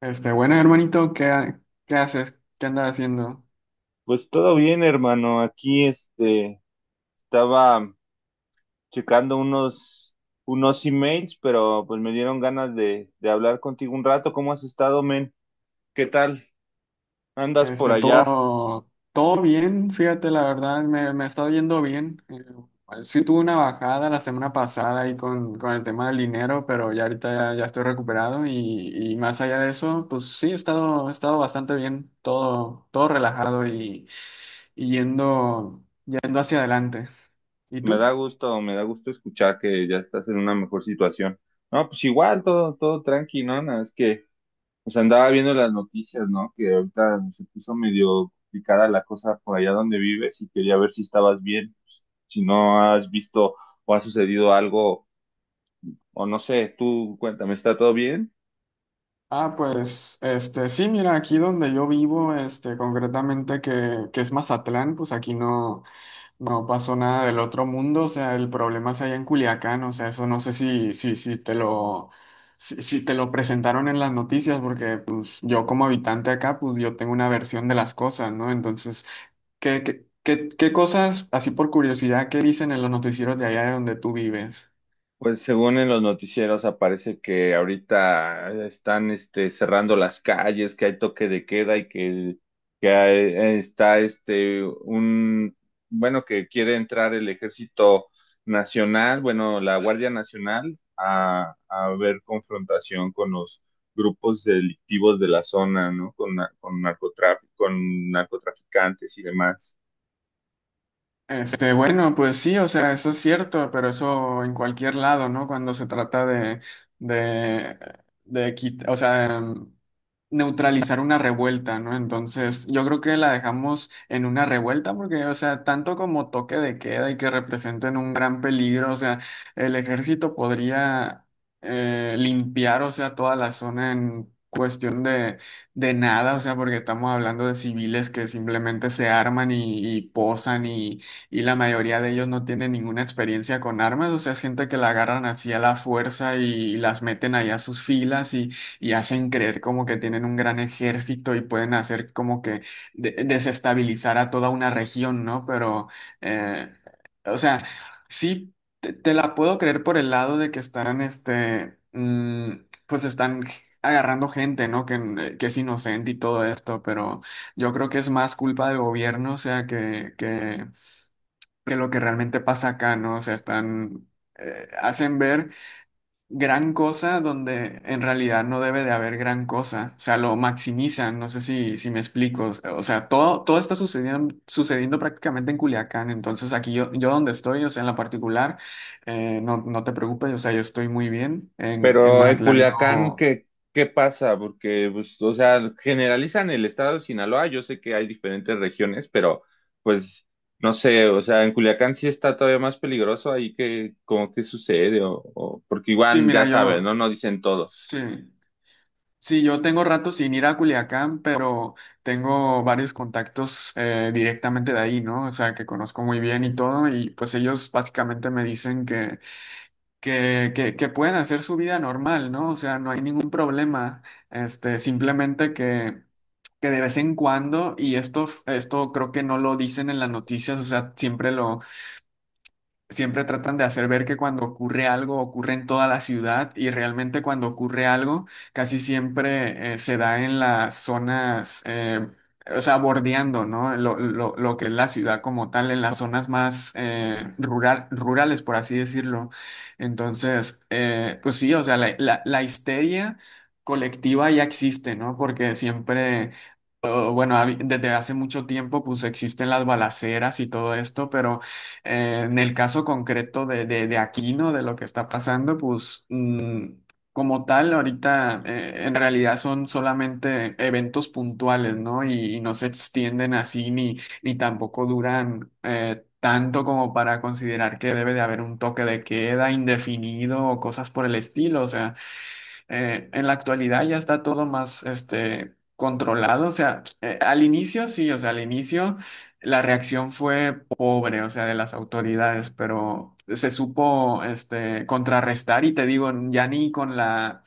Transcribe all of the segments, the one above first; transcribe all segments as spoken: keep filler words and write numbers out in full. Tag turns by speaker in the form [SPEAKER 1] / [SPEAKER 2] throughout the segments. [SPEAKER 1] Este, bueno, hermanito, ¿qué, ha- qué haces? ¿Qué andas haciendo?
[SPEAKER 2] Pues todo bien, hermano. Aquí este estaba checando unos unos emails, pero pues me dieron ganas de, de hablar contigo un rato. ¿Cómo has estado, men? ¿Qué tal? ¿Andas por
[SPEAKER 1] Este,
[SPEAKER 2] allá?
[SPEAKER 1] todo, todo bien, fíjate, la verdad, me, me está yendo bien. Eh, sí tuve una bajada la semana pasada ahí con, con el tema del dinero, pero ya ahorita ya, ya estoy recuperado y, y más allá de eso, pues sí, he estado, he estado bastante bien, todo, todo relajado y, y yendo, yendo hacia adelante. ¿Y
[SPEAKER 2] Me da
[SPEAKER 1] tú?
[SPEAKER 2] gusto, me da gusto escuchar que ya estás en una mejor situación. No, pues igual, todo, todo tranqui, ¿no? Nada, es que pues andaba viendo las noticias, ¿no? Que ahorita se puso medio complicada la cosa por allá donde vives y quería ver si estabas bien, si no has visto o ha sucedido algo o no sé, tú cuéntame, ¿está todo bien?
[SPEAKER 1] Ah, pues, este, sí, mira, aquí donde yo vivo, este, concretamente que, que es Mazatlán, pues aquí no, no pasó nada del otro mundo, o sea, el problema es allá en Culiacán, o sea, eso no sé si, si, si te lo, si, si te lo presentaron en las noticias, porque pues yo como habitante acá, pues yo tengo una versión de las cosas, ¿no? Entonces, ¿qué, qué, qué, qué cosas, así por curiosidad, qué dicen en los noticieros de allá de donde tú vives?
[SPEAKER 2] Pues según en los noticieros aparece que ahorita están este, cerrando las calles, que hay toque de queda y que, que hay- está este un, bueno, que quiere entrar el Ejército Nacional, bueno, la Guardia Nacional a, a ver confrontación con los grupos delictivos de la zona, ¿no? Con, na- con narcotrafi- con narcotraficantes y demás.
[SPEAKER 1] Este, bueno, pues sí, o sea, eso es cierto, pero eso en cualquier lado, ¿no? Cuando se trata de, de, de quitar, o sea, neutralizar una revuelta, ¿no? Entonces, yo creo que la dejamos en una revuelta porque, o sea, tanto como toque de queda y que representen un gran peligro, o sea, el ejército podría eh, limpiar, o sea, toda la zona en cuestión de, de nada, o sea, porque estamos hablando de civiles que simplemente se arman y, y posan y, y la mayoría de ellos no tienen ninguna experiencia con armas, o sea, es gente que la agarran así a la fuerza y las meten allá a sus filas y y hacen creer como que tienen un gran ejército y pueden hacer como que de- desestabilizar a toda una región, ¿no? Pero, eh, o sea, sí, te, te la puedo creer por el lado de que estarán, este, mm, pues están agarrando gente, ¿no? Que, eh, que es inocente y todo esto, pero yo creo que es más culpa del gobierno, o sea, que, que, que lo que realmente pasa acá, ¿no? O sea, están, eh, hacen ver gran cosa donde en realidad no debe de haber gran cosa. O sea, lo maximizan, no sé si, si me explico. O sea, todo, todo está sucediendo, sucediendo prácticamente en Culiacán. Entonces, aquí yo, yo donde estoy, o sea, en la particular, eh, no, no te preocupes, o sea, yo estoy muy bien. En, en
[SPEAKER 2] Pero en
[SPEAKER 1] Mazatlán
[SPEAKER 2] Culiacán,
[SPEAKER 1] no.
[SPEAKER 2] ¿qué, ¿qué pasa? Porque, pues, o sea, generalizan el estado de Sinaloa. Yo sé que hay diferentes regiones, pero, pues, no sé, o sea, en Culiacán sí está todavía más peligroso ahí que, como que sucede, o, o- porque
[SPEAKER 1] Sí,
[SPEAKER 2] igual,
[SPEAKER 1] mira,
[SPEAKER 2] ya sabes, ¿no?
[SPEAKER 1] yo,
[SPEAKER 2] No dicen todo.
[SPEAKER 1] sí. Sí, yo tengo rato sin ir a Culiacán, pero tengo varios contactos eh, directamente de ahí, ¿no? O sea, que conozco muy bien y todo, y pues ellos básicamente me dicen que, que, que, que pueden hacer su vida normal, ¿no? O sea, no hay ningún problema. Este, simplemente que, que de vez en cuando, y esto, esto creo que no lo dicen en las noticias, o sea, siempre lo, siempre tratan de hacer ver que cuando ocurre algo ocurre en toda la ciudad y realmente cuando ocurre algo casi siempre eh, se da en las zonas, eh, o sea, bordeando, ¿no? Lo, lo- lo que es la ciudad como tal, en las zonas más eh, rural, rurales, por así decirlo. Entonces, eh, pues sí, o sea, la, la, la histeria colectiva ya existe, ¿no? Porque siempre, o bueno, hab- desde hace mucho tiempo pues existen las balaceras y todo esto, pero eh, en el caso concreto de, de, de Aquino, de lo que está pasando, pues mm, como tal, ahorita eh, en realidad son solamente eventos puntuales, ¿no? Y, y no se extienden así ni, ni tampoco duran eh, tanto como para considerar que debe de haber un toque de queda indefinido o cosas por el estilo. O sea, eh, en la actualidad ya está todo más este, controlado. O sea, eh, al inicio sí, o sea, al inicio la reacción fue pobre, o sea, de las autoridades, pero se supo este, contrarrestar y te digo, ya ni con la...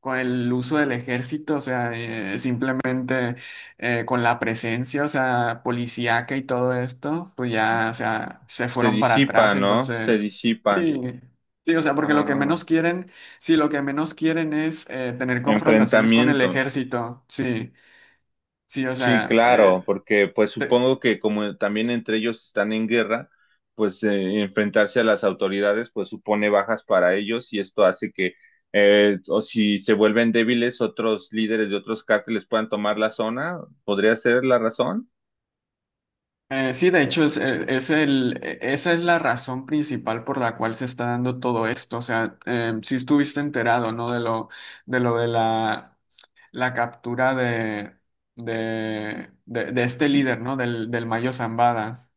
[SPEAKER 1] con el uso del ejército, o sea, eh, simplemente eh, con la presencia, o sea, policíaca y todo esto, pues ya, o sea, se
[SPEAKER 2] Se
[SPEAKER 1] fueron para atrás,
[SPEAKER 2] disipan, ¿no? Se
[SPEAKER 1] entonces,
[SPEAKER 2] disipan.
[SPEAKER 1] sí, sí, o sea, porque lo que
[SPEAKER 2] Ah,
[SPEAKER 1] menos quieren Sí, lo que menos quieren es eh, tener confrontaciones con el
[SPEAKER 2] enfrentamientos.
[SPEAKER 1] ejército. Sí, sí, o
[SPEAKER 2] Sí,
[SPEAKER 1] sea, eh,
[SPEAKER 2] claro, porque pues
[SPEAKER 1] te-
[SPEAKER 2] supongo que como también entre ellos están en guerra, pues eh, enfrentarse a las autoridades pues supone bajas para ellos y esto hace que eh, o si se vuelven débiles otros líderes de otros cárteles puedan tomar la zona, ¿podría ser la razón?
[SPEAKER 1] eh, sí, de hecho, es, eh, es el, eh, esa es la razón principal por la cual se está dando todo esto. O sea, si estuviste enterado, ¿no? De lo de, lo de la, la captura de, de, de, de este líder, ¿no? Del, del Mayo Zambada.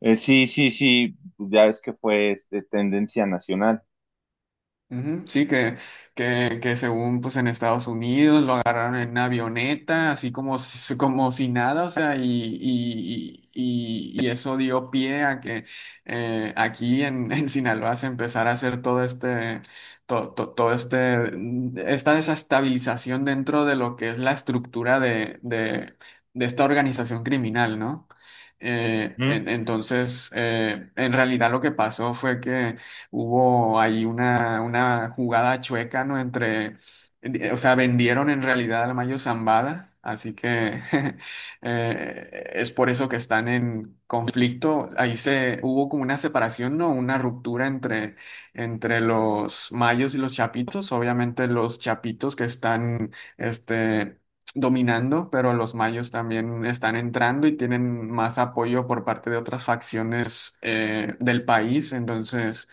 [SPEAKER 2] Eh, sí, sí, sí, ya es que fue este, tendencia nacional.
[SPEAKER 1] Ujú, Sí, que, que, que según pues en Estados Unidos lo agarraron en una avioneta, así como, si- como si nada, o sea, y, y, y, y eso dio pie a que eh, aquí en, en Sinaloa se empezara a hacer todo este, to- to- todo este, mm, esta desestabilización dentro de lo que es la estructura de, de, de esta organización criminal, ¿no? Eh, en- entonces, eh, en realidad lo que pasó fue que hubo ahí una, una jugada chueca, ¿no? Entre, eh, o sea, vendieron en realidad al Mayo Zambada, así que eh, es por eso que están en conflicto. Ahí se, hubo como una separación, ¿no? Una ruptura entre, entre los mayos y los chapitos. Obviamente los chapitos que están, este... dominando, pero los mayos también están entrando y tienen más apoyo por parte de otras facciones eh, del país. Entonces,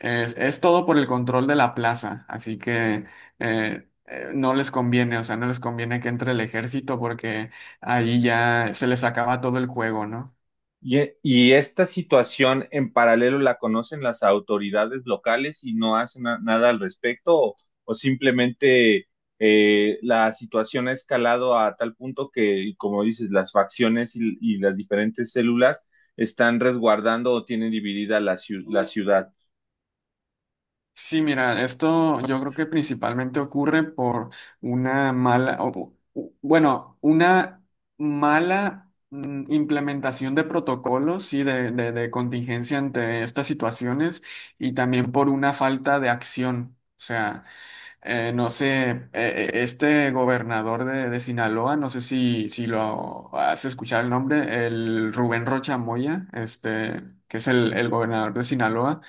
[SPEAKER 1] es, es todo por el control de la plaza, así que eh, eh, no les conviene, o sea, no les conviene que entre el ejército porque ahí ya se les acaba todo el juego, ¿no?
[SPEAKER 2] Y, y esta situación en paralelo la conocen las autoridades locales y no hacen na- nada al respecto o, o simplemente eh, la situación ha escalado a tal punto que, como dices, las facciones y, y las diferentes células están resguardando o tienen dividida la, ciu- la ciudad.
[SPEAKER 1] Sí, mira, esto yo creo que principalmente ocurre por una mala, o- u- bueno, una mala mm, implementación de protocolos y de, de de contingencia ante estas situaciones y también por una falta de acción. O sea, eh, no sé, eh, eh, este gobernador de, de Sinaloa, no sé si, si lo has escuchado el nombre, el Rubén Rocha Moya, este, que es el, el gobernador de Sinaloa,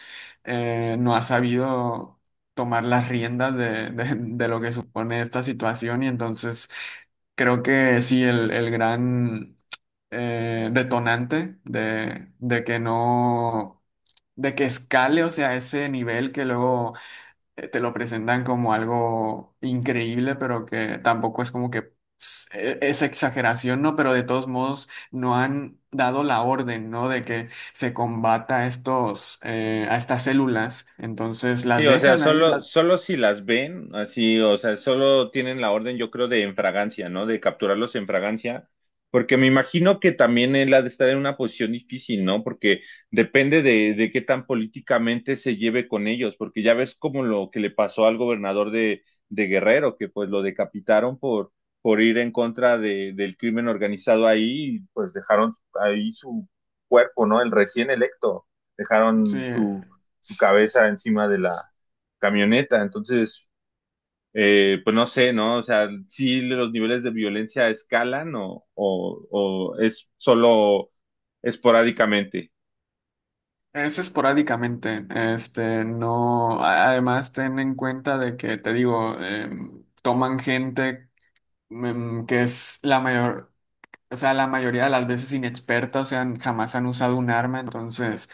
[SPEAKER 1] eh, no ha sabido tomar las riendas de, de- de lo que supone esta situación y entonces creo que sí, el, el gran eh, detonante de, de que no... de que escale, o sea, ese nivel que luego eh, te lo presentan como algo increíble, pero que tampoco es como que s- e- es exageración, ¿no? Pero de todos modos no han dado la orden, ¿no? De que se combata a estos, eh, a estas células. Entonces
[SPEAKER 2] Sí,
[SPEAKER 1] las
[SPEAKER 2] o sea,
[SPEAKER 1] dejan ahí,
[SPEAKER 2] solo,
[SPEAKER 1] las,
[SPEAKER 2] solo si las ven, así, o sea, solo tienen la orden, yo creo, de en fragancia, ¿no? De capturarlos en fragancia, porque me imagino que también él ha de estar en una posición difícil, ¿no? Porque depende de, de qué tan políticamente se lleve con ellos, porque ya ves como lo que le pasó al gobernador de, de Guerrero, que pues lo decapitaron por, por ir en contra de, del crimen organizado ahí, y pues dejaron ahí su cuerpo, ¿no? El recién electo,
[SPEAKER 1] sí,
[SPEAKER 2] dejaron su su cabeza
[SPEAKER 1] s-
[SPEAKER 2] encima de la camioneta. Entonces, eh, pues no sé, ¿no? O sea, si los niveles de violencia escalan o, o, o es solo esporádicamente.
[SPEAKER 1] es esporádicamente. Este, no, a- además ten en cuenta de que, te digo, em, toman gente em, que es la mayor. O sea, la mayoría de las veces inexperta, o sea, han- jamás han usado un arma, entonces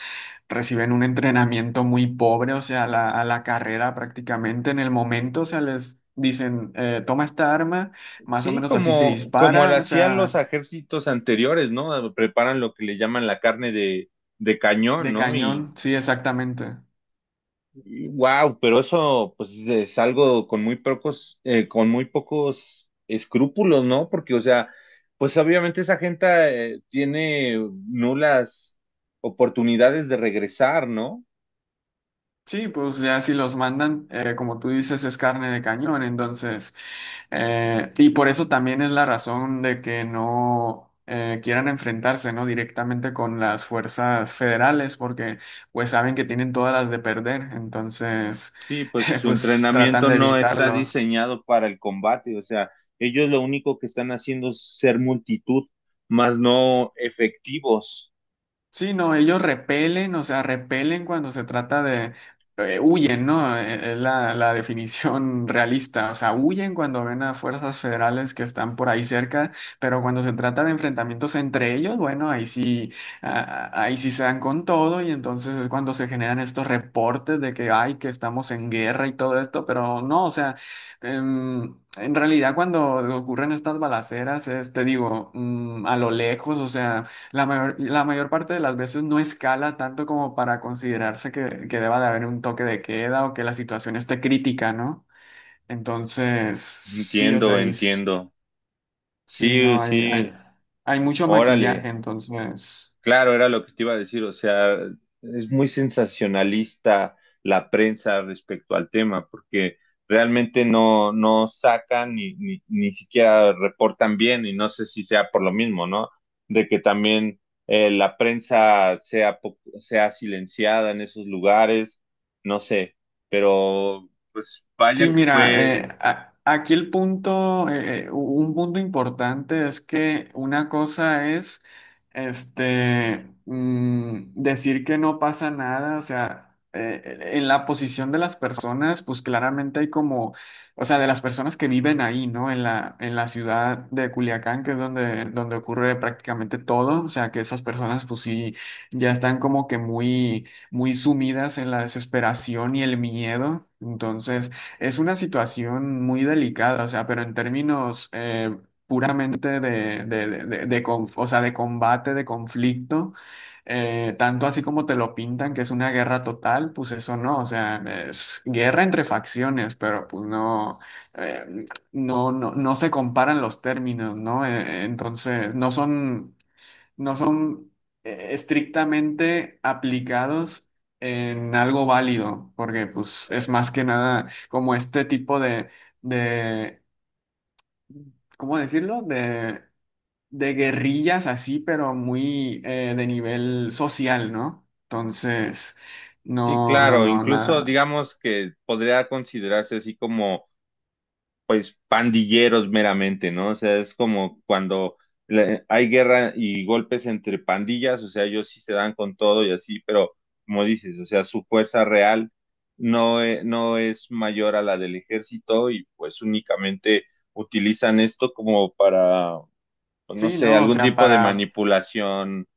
[SPEAKER 1] reciben un entrenamiento muy pobre, o sea, a la, a la carrera prácticamente en el momento, o sea, les dicen, eh, toma esta arma, más o
[SPEAKER 2] Sí,
[SPEAKER 1] menos así se
[SPEAKER 2] como, como lo
[SPEAKER 1] dispara, o
[SPEAKER 2] hacían los
[SPEAKER 1] sea,
[SPEAKER 2] ejércitos anteriores, ¿no? Preparan lo que le llaman la carne de, de cañón,
[SPEAKER 1] de
[SPEAKER 2] ¿no? Y
[SPEAKER 1] cañón, sí, exactamente.
[SPEAKER 2] wow, pero eso pues es algo con muy pocos, eh, con muy pocos escrúpulos, ¿no? Porque, o sea, pues obviamente esa gente eh, tiene nulas oportunidades de regresar, ¿no?
[SPEAKER 1] Sí, pues ya si los mandan, eh, como tú dices, es carne de cañón, entonces. Eh, y por eso también es la razón de que no eh, quieran enfrentarse, ¿no?, directamente con las fuerzas federales, porque pues saben que tienen todas las de perder, entonces
[SPEAKER 2] Sí, pues su
[SPEAKER 1] pues tratan
[SPEAKER 2] entrenamiento
[SPEAKER 1] de
[SPEAKER 2] no está
[SPEAKER 1] evitarlos.
[SPEAKER 2] diseñado para el combate, o sea, ellos lo único que están haciendo es ser multitud, más no efectivos.
[SPEAKER 1] Sí, no, ellos repelen, o sea, repelen cuando se trata de, eh, huyen, ¿no? Eh, Es la, la definición realista, o sea, huyen cuando ven a fuerzas federales que están por ahí cerca, pero cuando se trata de enfrentamientos entre ellos, bueno, ahí sí, ah, ahí sí se dan con todo y entonces es cuando se generan estos reportes de que, ay, que estamos en guerra y todo esto, pero no, o sea, em, en realidad cuando ocurren estas balaceras es, te digo, mm, a lo lejos, o sea la mayor, la mayor parte de las veces no escala tanto como para considerarse que, que deba de haber un toque de queda o que la situación esté crítica, ¿no? Entonces, sí, o
[SPEAKER 2] Entiendo,
[SPEAKER 1] sea, y s-
[SPEAKER 2] entiendo.
[SPEAKER 1] sí,
[SPEAKER 2] Sí,
[SPEAKER 1] no, hay, hay,
[SPEAKER 2] sí,
[SPEAKER 1] hay mucho maquillaje,
[SPEAKER 2] órale.
[SPEAKER 1] entonces.
[SPEAKER 2] Claro, era lo que te iba a decir, o sea, es muy sensacionalista la prensa respecto al tema, porque realmente no, no sacan ni, ni, ni siquiera reportan bien, y no sé si sea por lo mismo, ¿no? De que también eh, la prensa sea, po- sea silenciada en esos lugares, no sé, pero pues vaya
[SPEAKER 1] Sí,
[SPEAKER 2] que
[SPEAKER 1] mira,
[SPEAKER 2] fue,
[SPEAKER 1] eh, a- aquí el punto, eh, eh, un punto importante es que una cosa es, este, mm, decir que no pasa nada, o sea, eh, eh, en la posición de las personas, pues claramente hay como, o sea, de las personas que viven ahí, ¿no? En la, en la ciudad de Culiacán, que es donde, donde ocurre prácticamente todo, o sea, que esas personas, pues sí, ya están como que muy muy sumidas en la desesperación y el miedo. Entonces, es una situación muy delicada, o sea, pero en términos eh, puramente de, de, de, de- de conf- o sea, de combate, de conflicto, eh, tanto así como te lo pintan, que es una guerra total, pues eso no, o sea, es guerra entre facciones, pero pues no, eh, no, no, no se comparan los términos, ¿no? Eh, entonces, no son no son eh, estrictamente aplicados en algo válido, porque pues es más que nada como este tipo de, de ¿cómo decirlo? De, de guerrillas así, pero muy eh, de nivel social, ¿no? Entonces,
[SPEAKER 2] sí,
[SPEAKER 1] no, no,
[SPEAKER 2] claro,
[SPEAKER 1] no,
[SPEAKER 2] incluso
[SPEAKER 1] nada.
[SPEAKER 2] digamos que podría considerarse así como pues pandilleros meramente, ¿no? O sea, es como cuando le- hay guerra y golpes entre pandillas, o sea, ellos sí se dan con todo y así, pero como dices, o sea, su fuerza real no, e- no es mayor a la del ejército y pues únicamente utilizan esto como para, pues, no
[SPEAKER 1] Sí,
[SPEAKER 2] sé,
[SPEAKER 1] no, o
[SPEAKER 2] algún
[SPEAKER 1] sea,
[SPEAKER 2] tipo de
[SPEAKER 1] para,
[SPEAKER 2] manipulación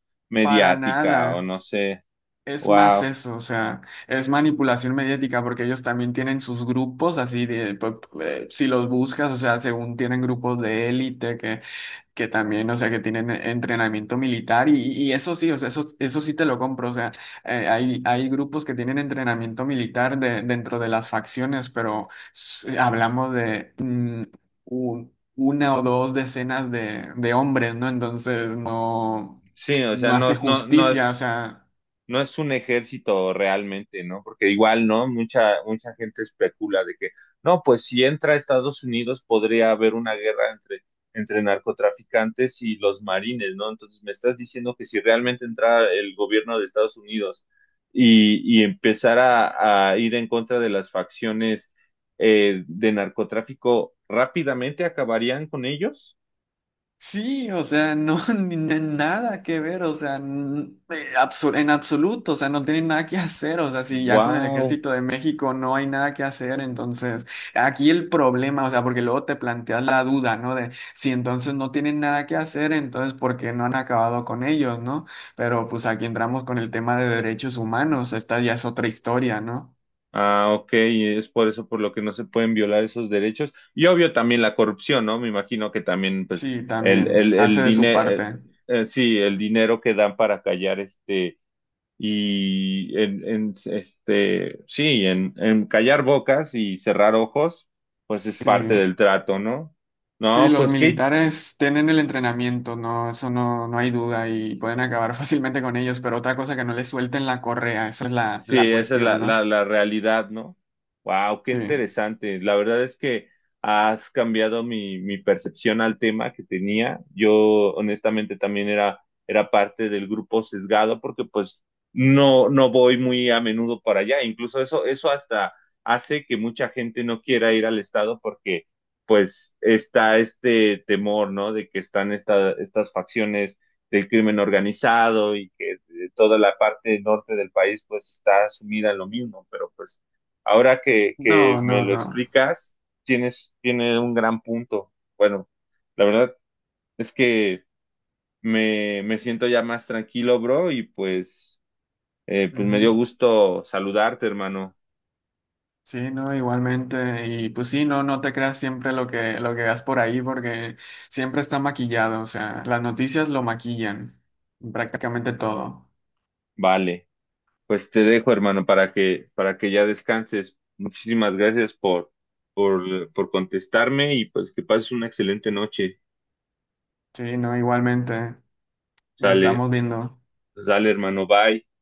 [SPEAKER 1] para
[SPEAKER 2] mediática o
[SPEAKER 1] nada.
[SPEAKER 2] no sé,
[SPEAKER 1] Es más
[SPEAKER 2] wow.
[SPEAKER 1] eso, o sea, es manipulación mediática porque ellos también tienen sus grupos así de, pu- pu- eh, si los buscas, o sea, según tienen grupos de élite que, que también, o sea, que tienen eh, entrenamiento militar y, y eso sí, o sea, eso, eso sí te lo compro, o sea, eh, hay, hay grupos que tienen entrenamiento militar de- dentro de las facciones, pero s- eh, hablamos de mm, un- una o dos decenas de, de hombres, ¿no? Entonces, no,
[SPEAKER 2] Sí, o sea,
[SPEAKER 1] no
[SPEAKER 2] no,
[SPEAKER 1] hace
[SPEAKER 2] no, no
[SPEAKER 1] justicia, o
[SPEAKER 2] es.
[SPEAKER 1] sea.
[SPEAKER 2] No es un ejército realmente, ¿no? Porque igual, ¿no? Mucha, mucha gente especula de que, no, pues si entra a Estados Unidos podría haber una guerra entre, entre narcotraficantes y los marines, ¿no? Entonces me estás diciendo que si realmente entra el gobierno de Estados Unidos y, y empezara a ir en contra de las facciones eh, de narcotráfico, rápidamente acabarían con ellos.
[SPEAKER 1] Sí, o sea, no, ni- ni- nada que ver, o sea, n- eh, absu- en absoluto, o sea, no tienen nada que hacer, o sea, si ya con el
[SPEAKER 2] ¡Wow!
[SPEAKER 1] ejército de México no hay nada que hacer, entonces aquí el problema, o sea, porque luego te planteas la duda, ¿no? De si entonces no tienen nada que hacer, entonces ¿por qué no han acabado con ellos?, ¿no? Pero pues aquí entramos con el tema de derechos humanos, esta ya es otra historia, ¿no?
[SPEAKER 2] Ah, ok, y es por eso por lo que no se pueden violar esos derechos. Y obvio también la corrupción, ¿no? Me imagino que también, pues,
[SPEAKER 1] Sí,
[SPEAKER 2] el,
[SPEAKER 1] también,
[SPEAKER 2] el, el
[SPEAKER 1] hace de su
[SPEAKER 2] dinero,
[SPEAKER 1] parte.
[SPEAKER 2] sí, el dinero que dan para callar este, y en, en, este, sí, en, en callar bocas y cerrar ojos, pues es parte
[SPEAKER 1] Sí.
[SPEAKER 2] del trato, ¿no?
[SPEAKER 1] Sí,
[SPEAKER 2] No,
[SPEAKER 1] los
[SPEAKER 2] pues qué.
[SPEAKER 1] militares tienen el entrenamiento, no, eso no, no hay duda y pueden acabar fácilmente con ellos, pero otra cosa que no les suelten la correa, esa es la,
[SPEAKER 2] Sí,
[SPEAKER 1] la
[SPEAKER 2] esa es la,
[SPEAKER 1] cuestión,
[SPEAKER 2] la,
[SPEAKER 1] ¿no?
[SPEAKER 2] la realidad, ¿no? Wow, qué
[SPEAKER 1] Sí.
[SPEAKER 2] interesante. La verdad es que has cambiado mi, mi percepción al tema que tenía. Yo honestamente también era, era parte del grupo sesgado porque pues no, no voy muy a menudo para allá. Incluso eso, eso hasta hace que mucha gente no quiera ir al estado porque pues está este temor, ¿no? De que están esta- estas facciones del crimen organizado y que toda la parte norte del país pues está sumida en lo mismo, pero pues ahora que, que
[SPEAKER 1] No,
[SPEAKER 2] me
[SPEAKER 1] no,
[SPEAKER 2] lo
[SPEAKER 1] no.
[SPEAKER 2] explicas, tienes, tiene un gran punto. Bueno, la verdad es que me, me siento ya más tranquilo, bro, y pues, eh, pues me dio
[SPEAKER 1] Ujú.
[SPEAKER 2] gusto saludarte, hermano.
[SPEAKER 1] Sí, no, igualmente. Y pues sí, no, no te creas siempre lo que, lo que veas por ahí, porque siempre está maquillado. O sea, las noticias lo maquillan, prácticamente todo.
[SPEAKER 2] Vale, pues te dejo, hermano, para que, para que ya descanses. Muchísimas gracias por, por, por contestarme y pues que pases una excelente noche.
[SPEAKER 1] Sí, no, igualmente. Nos
[SPEAKER 2] Sale,
[SPEAKER 1] estamos viendo.
[SPEAKER 2] sale, hermano, bye.